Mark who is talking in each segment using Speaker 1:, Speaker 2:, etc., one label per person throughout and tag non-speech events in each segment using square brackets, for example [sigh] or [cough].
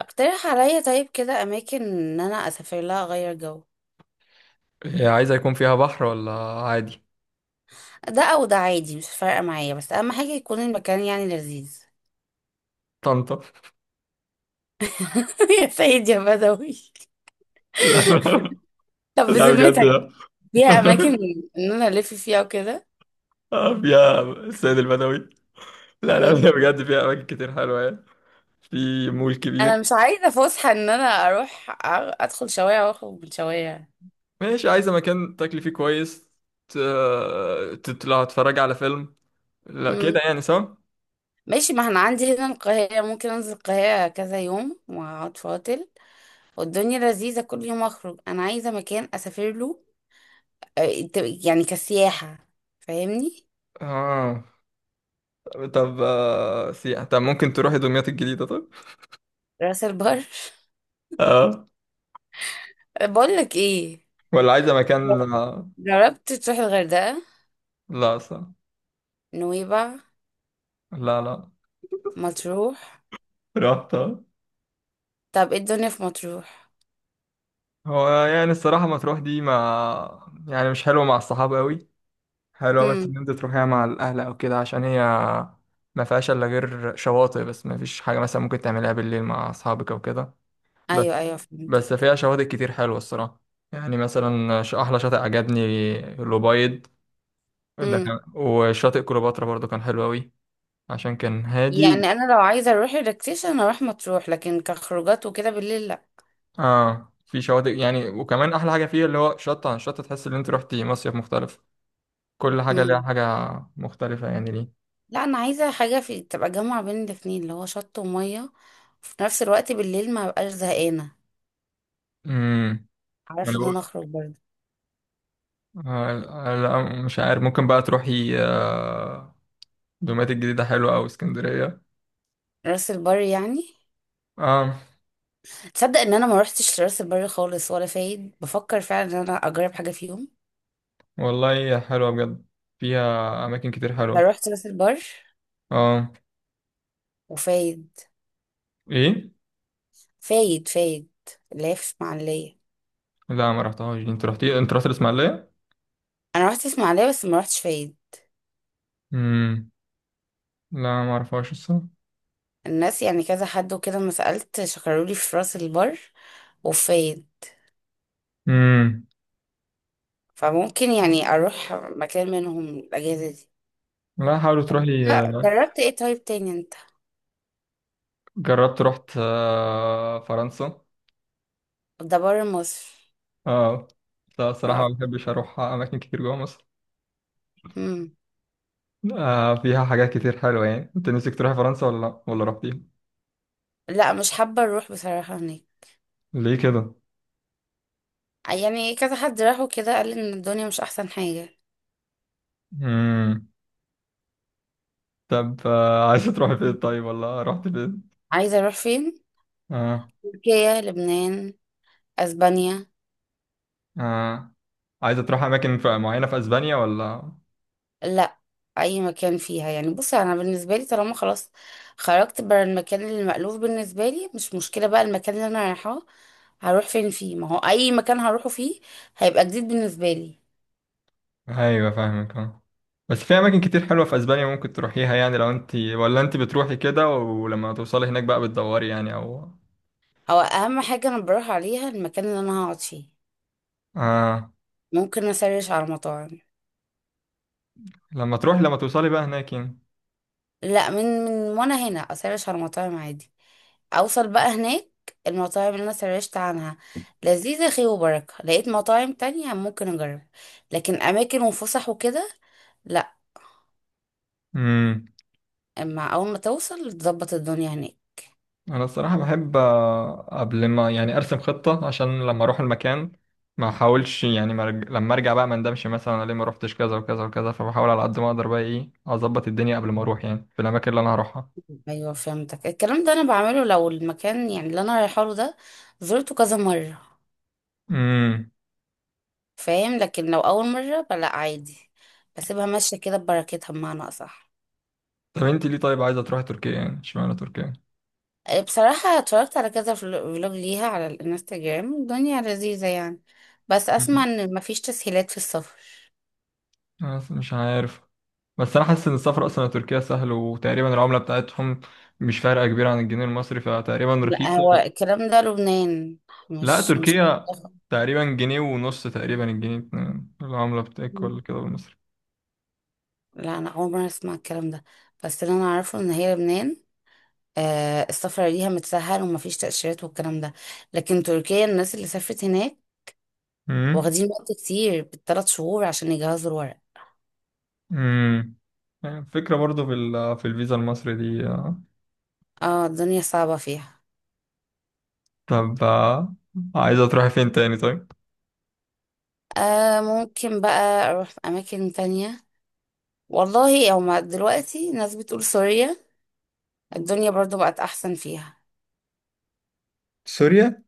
Speaker 1: اقترح عليا، طيب كده اماكن ان انا اسافر لها اغير جو.
Speaker 2: هي عايزة يكون فيها بحر ولا عادي؟
Speaker 1: ده او ده عادي، مش فارقه معايا، بس اهم حاجه يكون المكان يعني لذيذ.
Speaker 2: طنطا. [laughs]
Speaker 1: [laughs] يا سيد يا بدوي،
Speaker 2: لا.
Speaker 1: طب
Speaker 2: لا بجد
Speaker 1: بذمتك
Speaker 2: لا.
Speaker 1: فيها اماكن
Speaker 2: [laughs]
Speaker 1: ان انا الف فيها وكده؟
Speaker 2: آه، فيها السيد البدوي. لا، لا،
Speaker 1: مم.
Speaker 2: فيها بجد. فيها أماكن كتير حلوة يعني. في مول
Speaker 1: انا
Speaker 2: كبير.
Speaker 1: مش عايزه فسحه ان انا اروح ادخل شوارع واخرج من شوارع.
Speaker 2: ماشي، عايزة مكان تاكلي فيه كويس، تطلع تتفرج على فيلم، لا كده
Speaker 1: مم.
Speaker 2: يعني، صح؟
Speaker 1: ماشي، ما انا عندي هنا القاهره، ممكن انزل القاهره كذا يوم واقعد فاضل والدنيا لذيذه كل يوم اخرج. انا عايزه مكان اسافر له، آه، انت- يعني كسياحة، فاهمني.
Speaker 2: اه. طب سياحة. طب ممكن تروحي دمياط الجديدة طب؟
Speaker 1: راس البر [laughs]
Speaker 2: اه.
Speaker 1: بقول لك ايه،
Speaker 2: ولا عايزة مكان.
Speaker 1: جربت تروح الغردقة،
Speaker 2: لا، صح.
Speaker 1: نويبع،
Speaker 2: لا، لا.
Speaker 1: مطروح؟
Speaker 2: رحت.
Speaker 1: طب ايه الدنيا في مطروح؟
Speaker 2: هو يعني الصراحة مطروح دي ما يعني مش حلوة مع الصحاب قوي. حلوة بس
Speaker 1: هم.
Speaker 2: إن أنت تروحيها مع الأهل أو كده، عشان هي ما فيهاش إلا غير شواطئ، بس ما فيش حاجة مثلا ممكن تعملها بالليل مع أصحابك أو كده.
Speaker 1: ايوه
Speaker 2: بس.
Speaker 1: ايوه، فهمت.
Speaker 2: بس فيها شواطئ كتير حلوة الصراحة. يعني مثلا أحلى شاطئ عجبني الأبيض. ده
Speaker 1: هم.
Speaker 2: كان، وشاطئ كليوباترا برضو كان حلو أوي. عشان كان هادي.
Speaker 1: يعني انا لو عايزة اروح ريلاكسيشن اروح مطروح، لكن كخروجات وكده بالليل لا.
Speaker 2: آه، في شواطئ يعني، وكمان أحلى حاجة فيه اللي هو شط عن شط، تحس إن أنت روحتي مصيف مختلف. كل حاجة ليها
Speaker 1: هم.
Speaker 2: حاجة مختلفة يعني ليه.
Speaker 1: لا، انا عايزة حاجة في تبقى جامعة بين الاتنين، اللي هو شط ومية وفي نفس الوقت بالليل ما بقاش زهقانة،
Speaker 2: امم يعني
Speaker 1: عارف، ان
Speaker 2: بقول-
Speaker 1: انا اخرج برضه.
Speaker 2: آه، لا مش عارف، ممكن بقى تروحي دومات الجديدة حلوة، أو اسكندرية.
Speaker 1: راس البر يعني؟
Speaker 2: اه.
Speaker 1: تصدق ان انا ما روحتش راس البر خالص ولا فايد؟ بفكر فعلا ان انا اجرب حاجه فيهم.
Speaker 2: والله حلوة بجد، فيها أماكن كتير
Speaker 1: انا
Speaker 2: حلوة.
Speaker 1: روحت راس البر
Speaker 2: اه.
Speaker 1: وفايد.
Speaker 2: ايه.
Speaker 1: فايد فايد اللي هي في اسماعيليه.
Speaker 2: لا، ما رحتهاش دي. انت رحت الإسماعيلية.
Speaker 1: انا روحت اسماعيليه بس ما روحتش فايد.
Speaker 2: امم. لا، ما اعرفهاش الصراحة.
Speaker 1: الناس يعني كذا حد وكده، ما سالت، شكروا لي في راس البر وفايد،
Speaker 2: امم.
Speaker 1: فممكن يعني اروح مكان منهم الاجازه دي.
Speaker 2: لا، حاولت تروحي
Speaker 1: لا،
Speaker 2: آه،
Speaker 1: جربت ايه طيب تاني انت؟
Speaker 2: جربت، رحت فرنسا.
Speaker 1: ده بره مصر.
Speaker 2: اه. لا
Speaker 1: اه،
Speaker 2: الصراحة ما
Speaker 1: اوكي.
Speaker 2: بحبش أروح أماكن كتير جوه مصر.
Speaker 1: مم.
Speaker 2: آه، فيها حاجات كتير حلوة يعني. انت نفسك تروحي فرنسا ولا لا، ولا رحتيها؟
Speaker 1: لا، مش حابه اروح بصراحه هناك.
Speaker 2: ليه كده؟
Speaker 1: يعني كذا حد راح وكده، قال ان الدنيا مش احسن حاجه.
Speaker 2: امم. طب [laughs] عايزة تروحي فين طيب، ولا رحت فين؟
Speaker 1: عايزة اروح فين؟
Speaker 2: اه.
Speaker 1: تركيا، لبنان، اسبانيا.
Speaker 2: اه. عايزة تروحي اماكن معينة في اسبانيا ولا؟
Speaker 1: لا، اي مكان فيها يعني. بصي، انا بالنسبة لي طالما خلاص خرجت بره المكان اللي مألوف بالنسبة لي، مش مشكلة بقى المكان اللي انا رايحاه هروح فين فيه. ما هو اي مكان هروحه فيه هيبقى جديد بالنسبة لي.
Speaker 2: ايوه فاهمك، اه. بس في اماكن كتير حلوة في اسبانيا ممكن تروحيها يعني. لو انت، ولا انت بتروحي كده، ولما توصلي هناك بقى بتدوري يعني، او…
Speaker 1: او اهم حاجة انا بروح عليها المكان اللي انا هقعد فيه،
Speaker 2: اه.
Speaker 1: ممكن اسرش على مطاعم.
Speaker 2: لما توصلي بقى هناك.
Speaker 1: لا، من وانا هنا اسرش على مطاعم عادي، اوصل بقى هناك، المطاعم اللي انا سرشت عنها لذيذة خير وبركة، لقيت مطاعم تانية ممكن اجرب. لكن اماكن وفسح وكده لا،
Speaker 2: يعني
Speaker 1: اما اول ما توصل تظبط الدنيا هناك.
Speaker 2: انا الصراحه بحب قبل ما، يعني، ارسم خطه، عشان لما اروح المكان ما احاولش يعني لما ارجع بقى ما اندمش. مثلا انا ليه ما روحتش كذا وكذا وكذا، فبحاول على قد ما اقدر بقى ايه، اظبط الدنيا قبل ما اروح يعني في الاماكن اللي انا هروحها.
Speaker 1: ايوه فهمتك، الكلام ده انا بعمله لو المكان يعني اللي انا رايحه له ده زرته كذا مرة،
Speaker 2: امم.
Speaker 1: فاهم؟ لكن لو اول مرة فلا، عادي، بسيبها ماشية كده ببركتها بمعنى اصح.
Speaker 2: طب انت ليه طيب عايزه تروحي تركيا، يعني اشمعنى تركيا؟
Speaker 1: بصراحة اتفرجت على كذا فلوج ليها على الانستجرام، الدنيا لذيذة يعني، بس اسمع
Speaker 2: مم.
Speaker 1: ان مفيش تسهيلات في السفر.
Speaker 2: انا أصلاً مش عارف. بس انا حاسس ان السفر اصلا لتركيا سهل، وتقريبا العمله بتاعتهم مش فارقه كبيره عن الجنيه المصري، فتقريبا
Speaker 1: لا،
Speaker 2: رخيصه.
Speaker 1: هو الكلام ده لبنان،
Speaker 2: لا،
Speaker 1: مش [laughs]
Speaker 2: تركيا تقريبا جنيه ونص، تقريبا الجنيه اتنين. العملة بتاعك ولا كده بالمصري؟
Speaker 1: لا، انا اول مره اسمع الكلام ده، بس اللي انا اعرفه ان هي لبنان، آه، السفر ليها متسهل ومفيش تأشيرات والكلام ده. لكن تركيا الناس اللي سافرت هناك
Speaker 2: امم.
Speaker 1: واخدين وقت كتير بالثلاث شهور عشان يجهزوا الورق.
Speaker 2: امم. يعني فكرة برضو في في الفيزا المصري دي.
Speaker 1: اه، الدنيا صعبة فيها.
Speaker 2: طب عايزة تروحي فين تاني طيب؟
Speaker 1: آه، ممكن بقى اروح في اماكن تانية. والله او ما دلوقتي ناس بتقول سوريا، الدنيا برضو بقت احسن فيها.
Speaker 2: سوريا؟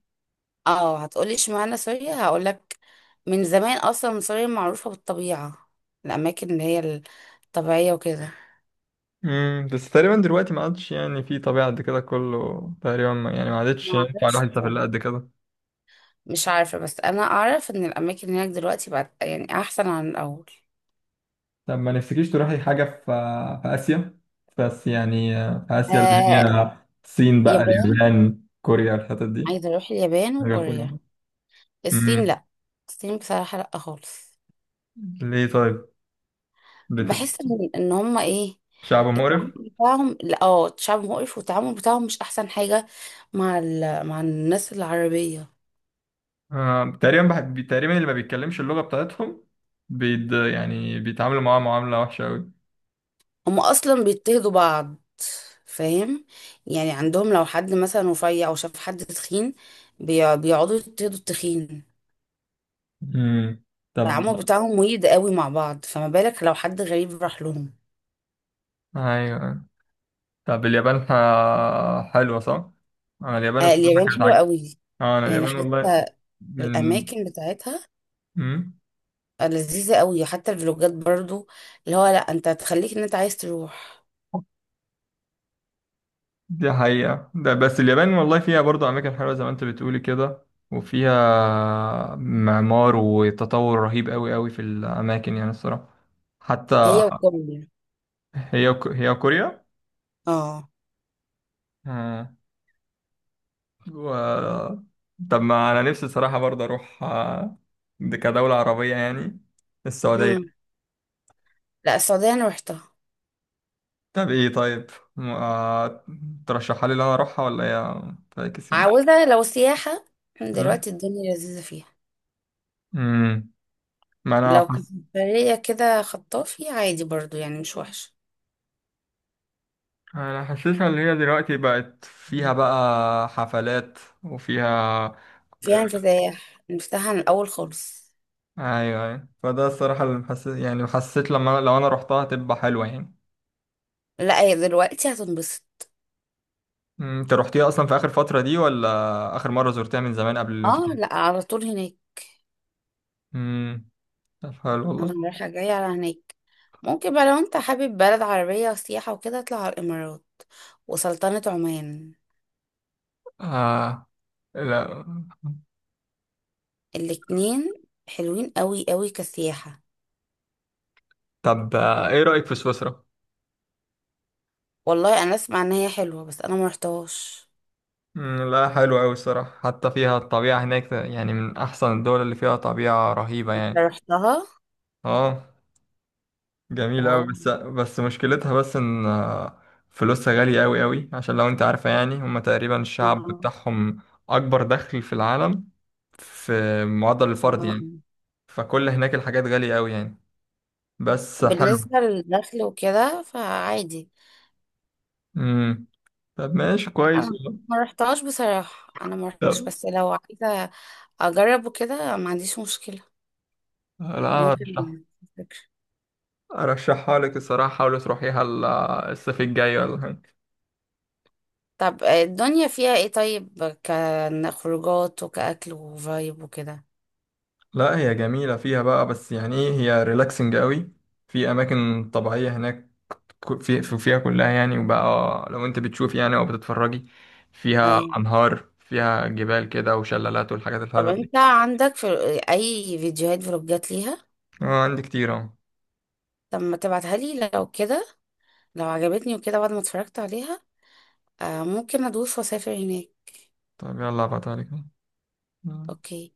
Speaker 1: اه، هتقولي اشمعنى سوريا، هقولك، من زمان اصلا سوريا معروفة بالطبيعة، الاماكن اللي هي الطبيعية وكده.
Speaker 2: امم. بس تقريبا دلوقتي ما عادش، يعني، في طبيعة قد كده. كله تقريبا يعني ما عادتش يعني ينفع
Speaker 1: معرفش،
Speaker 2: الواحد يسافر لها قد كده.
Speaker 1: مش عارفة، بس انا اعرف ان الاماكن هناك دلوقتي بقت يعني احسن عن الاول.
Speaker 2: طب ما نفسكيش تروحي حاجة في آسيا؟ بس يعني في آسيا اللي
Speaker 1: آه.
Speaker 2: هي الصين بقى،
Speaker 1: يابان،
Speaker 2: اليابان، كوريا، الحتت دي،
Speaker 1: عايزة اروح اليابان وكوريا.
Speaker 2: سنغافورة.
Speaker 1: الصين لا، الصين بصراحة لا خالص.
Speaker 2: ليه طيب؟ بت...
Speaker 1: بحس ان هما ايه،
Speaker 2: شعب
Speaker 1: التعامل
Speaker 2: مقرف.
Speaker 1: بتاعهم لا، اه، شعب مقرف والتعامل بتاعهم مش احسن حاجة مع ال... مع الناس العربية.
Speaker 2: تقريبا اللي ما بيتكلمش اللغة بتاعتهم، يعني بيتعاملوا معاها معاملة وحشة أوي.
Speaker 1: هم اصلا بيضطهدوا بعض، فاهم؟ يعني عندهم لو حد مثلا رفيع او شاف حد تخين، بيقعدوا يضطهدوا التخين.
Speaker 2: امم. طب.
Speaker 1: التعامل بتاعهم ويد قوي مع بعض، فما بالك لو حد غريب راح لهم.
Speaker 2: أيوة. طب اليابان حلوة صح؟ أنا اليابان
Speaker 1: آه،
Speaker 2: الصراحة
Speaker 1: اليابان
Speaker 2: كانت
Speaker 1: حلوة
Speaker 2: عاجبة.
Speaker 1: قوي،
Speaker 2: آه، أنا
Speaker 1: يعني
Speaker 2: اليابان والله
Speaker 1: حتى
Speaker 2: من
Speaker 1: الاماكن بتاعتها
Speaker 2: مم؟
Speaker 1: لذيذة قوي، حتى الفلوجات برضو اللي هو لا، انت هتخليك ان انت عايز تروح.
Speaker 2: دي حقيقة ده، بس اليابان والله فيها برضه أماكن حلوة زي ما أنت بتقولي كده. وفيها معمار وتطور رهيب أوي أوي في الأماكن، يعني الصراحة. حتى
Speaker 1: هي وكوريا.
Speaker 2: هي هي كوريا
Speaker 1: اه.
Speaker 2: آه. و... طب ما انا نفسي صراحة برضه اروح دي كدولة عربية يعني، السعودية.
Speaker 1: مم. لا، السعودية انا روحتها.
Speaker 2: طب ايه طيب؟ م- آه، ترشحها لي ان انا اروحها، ولا هي فاكس يعني؟
Speaker 1: عاوزة لو سياحة
Speaker 2: مم؟
Speaker 1: دلوقتي الدنيا لذيذة فيها،
Speaker 2: مم. ما انا
Speaker 1: لو كانت
Speaker 2: حس...
Speaker 1: برية كده خطافي عادي برضو، يعني مش وحشة،
Speaker 2: انا حاسسها ان هي دلوقتي بقت فيها بقى حفلات، وفيها
Speaker 1: فيها
Speaker 2: ك-
Speaker 1: انفتاح، انفتاح عن الأول خالص.
Speaker 2: ايوه، ايوه، فده الصراحة اللي محسس، يعني حسيت لما، لو انا رحتها هتبقى حلوة يعني.
Speaker 1: لا، هي دلوقتي هتنبسط.
Speaker 2: مم، انت رحتيها اصلا في اخر فتره دي، ولا اخر مره زرتها من زمان قبل
Speaker 1: اه
Speaker 2: الانفتاح؟
Speaker 1: لا، على طول هناك،
Speaker 2: امم. طب حلو
Speaker 1: انا
Speaker 2: والله.
Speaker 1: رايحة جاية على هناك. ممكن بقى لو انت حابب بلد عربية وسياحة وكده، اطلع على الإمارات وسلطنة عمان،
Speaker 2: آه. لا.
Speaker 1: الاتنين حلوين قوي قوي كسياحة.
Speaker 2: طب ايه رايك في سويسرا؟
Speaker 1: والله انا اسمع ان هي حلوة، بس انا ما رحتهاش.
Speaker 2: مم، لا حلو قوي الصراحه، حتى فيها الطبيعه هناك. يعني من احسن الدول اللي فيها طبيعه رهيبه
Speaker 1: انت
Speaker 2: يعني.
Speaker 1: رحتها؟
Speaker 2: اه. جميل قوي،
Speaker 1: واو.
Speaker 2: بس مشكلتها بس ان فلوسها غاليه قوي قوي. عشان لو انت عارفه يعني، هم تقريبا الشعب
Speaker 1: آه،
Speaker 2: بتاعهم اكبر دخل في العالم، في معدل
Speaker 1: آه،
Speaker 2: الفرد
Speaker 1: آه.
Speaker 2: يعني. فكل هناك الحاجات غاليه قوي يعني، بس
Speaker 1: بالنسبة
Speaker 2: حلو.
Speaker 1: للدخل وكده فعادي.
Speaker 2: امم. طب ماشي
Speaker 1: لا،
Speaker 2: كويس
Speaker 1: انا
Speaker 2: والله.
Speaker 1: ما رحتهاش بصراحة، انا ما رحتش،
Speaker 2: طب.
Speaker 1: بس لو عايزة اجرب وكده ما عنديش مشكلة.
Speaker 2: لا، أنا
Speaker 1: ممكن،
Speaker 2: ارشح
Speaker 1: فكرة.
Speaker 2: ارشحها لك الصراحه. حاولي تروحيها الصيف الجاي ولا حاجه.
Speaker 1: طب الدنيا فيها ايه طيب، كخروجات وكأكل وفايب وكده؟
Speaker 2: لا هي جميله فيها بقى، بس يعني ايه، هي ريلاكسنج قوي. في اماكن طبيعيه هناك، فيها كلها يعني. وبقى لو انت بتشوفي يعني، او بتتفرجي، فيها
Speaker 1: ايوه.
Speaker 2: انهار، فيها جبال كده، وشلالات، والحاجات
Speaker 1: طب
Speaker 2: الحلوه دي.
Speaker 1: انت عندك في اي فيديوهات فلوجات ليها؟
Speaker 2: اه، عندي كتير اهو.
Speaker 1: طب ما تبعتها لي لو كده، لو عجبتني وكده بعد ما اتفرجت عليها، آه، ممكن ادوس واسافر هناك.
Speaker 2: طب يلا ابعتها لك، أهو.
Speaker 1: اوكي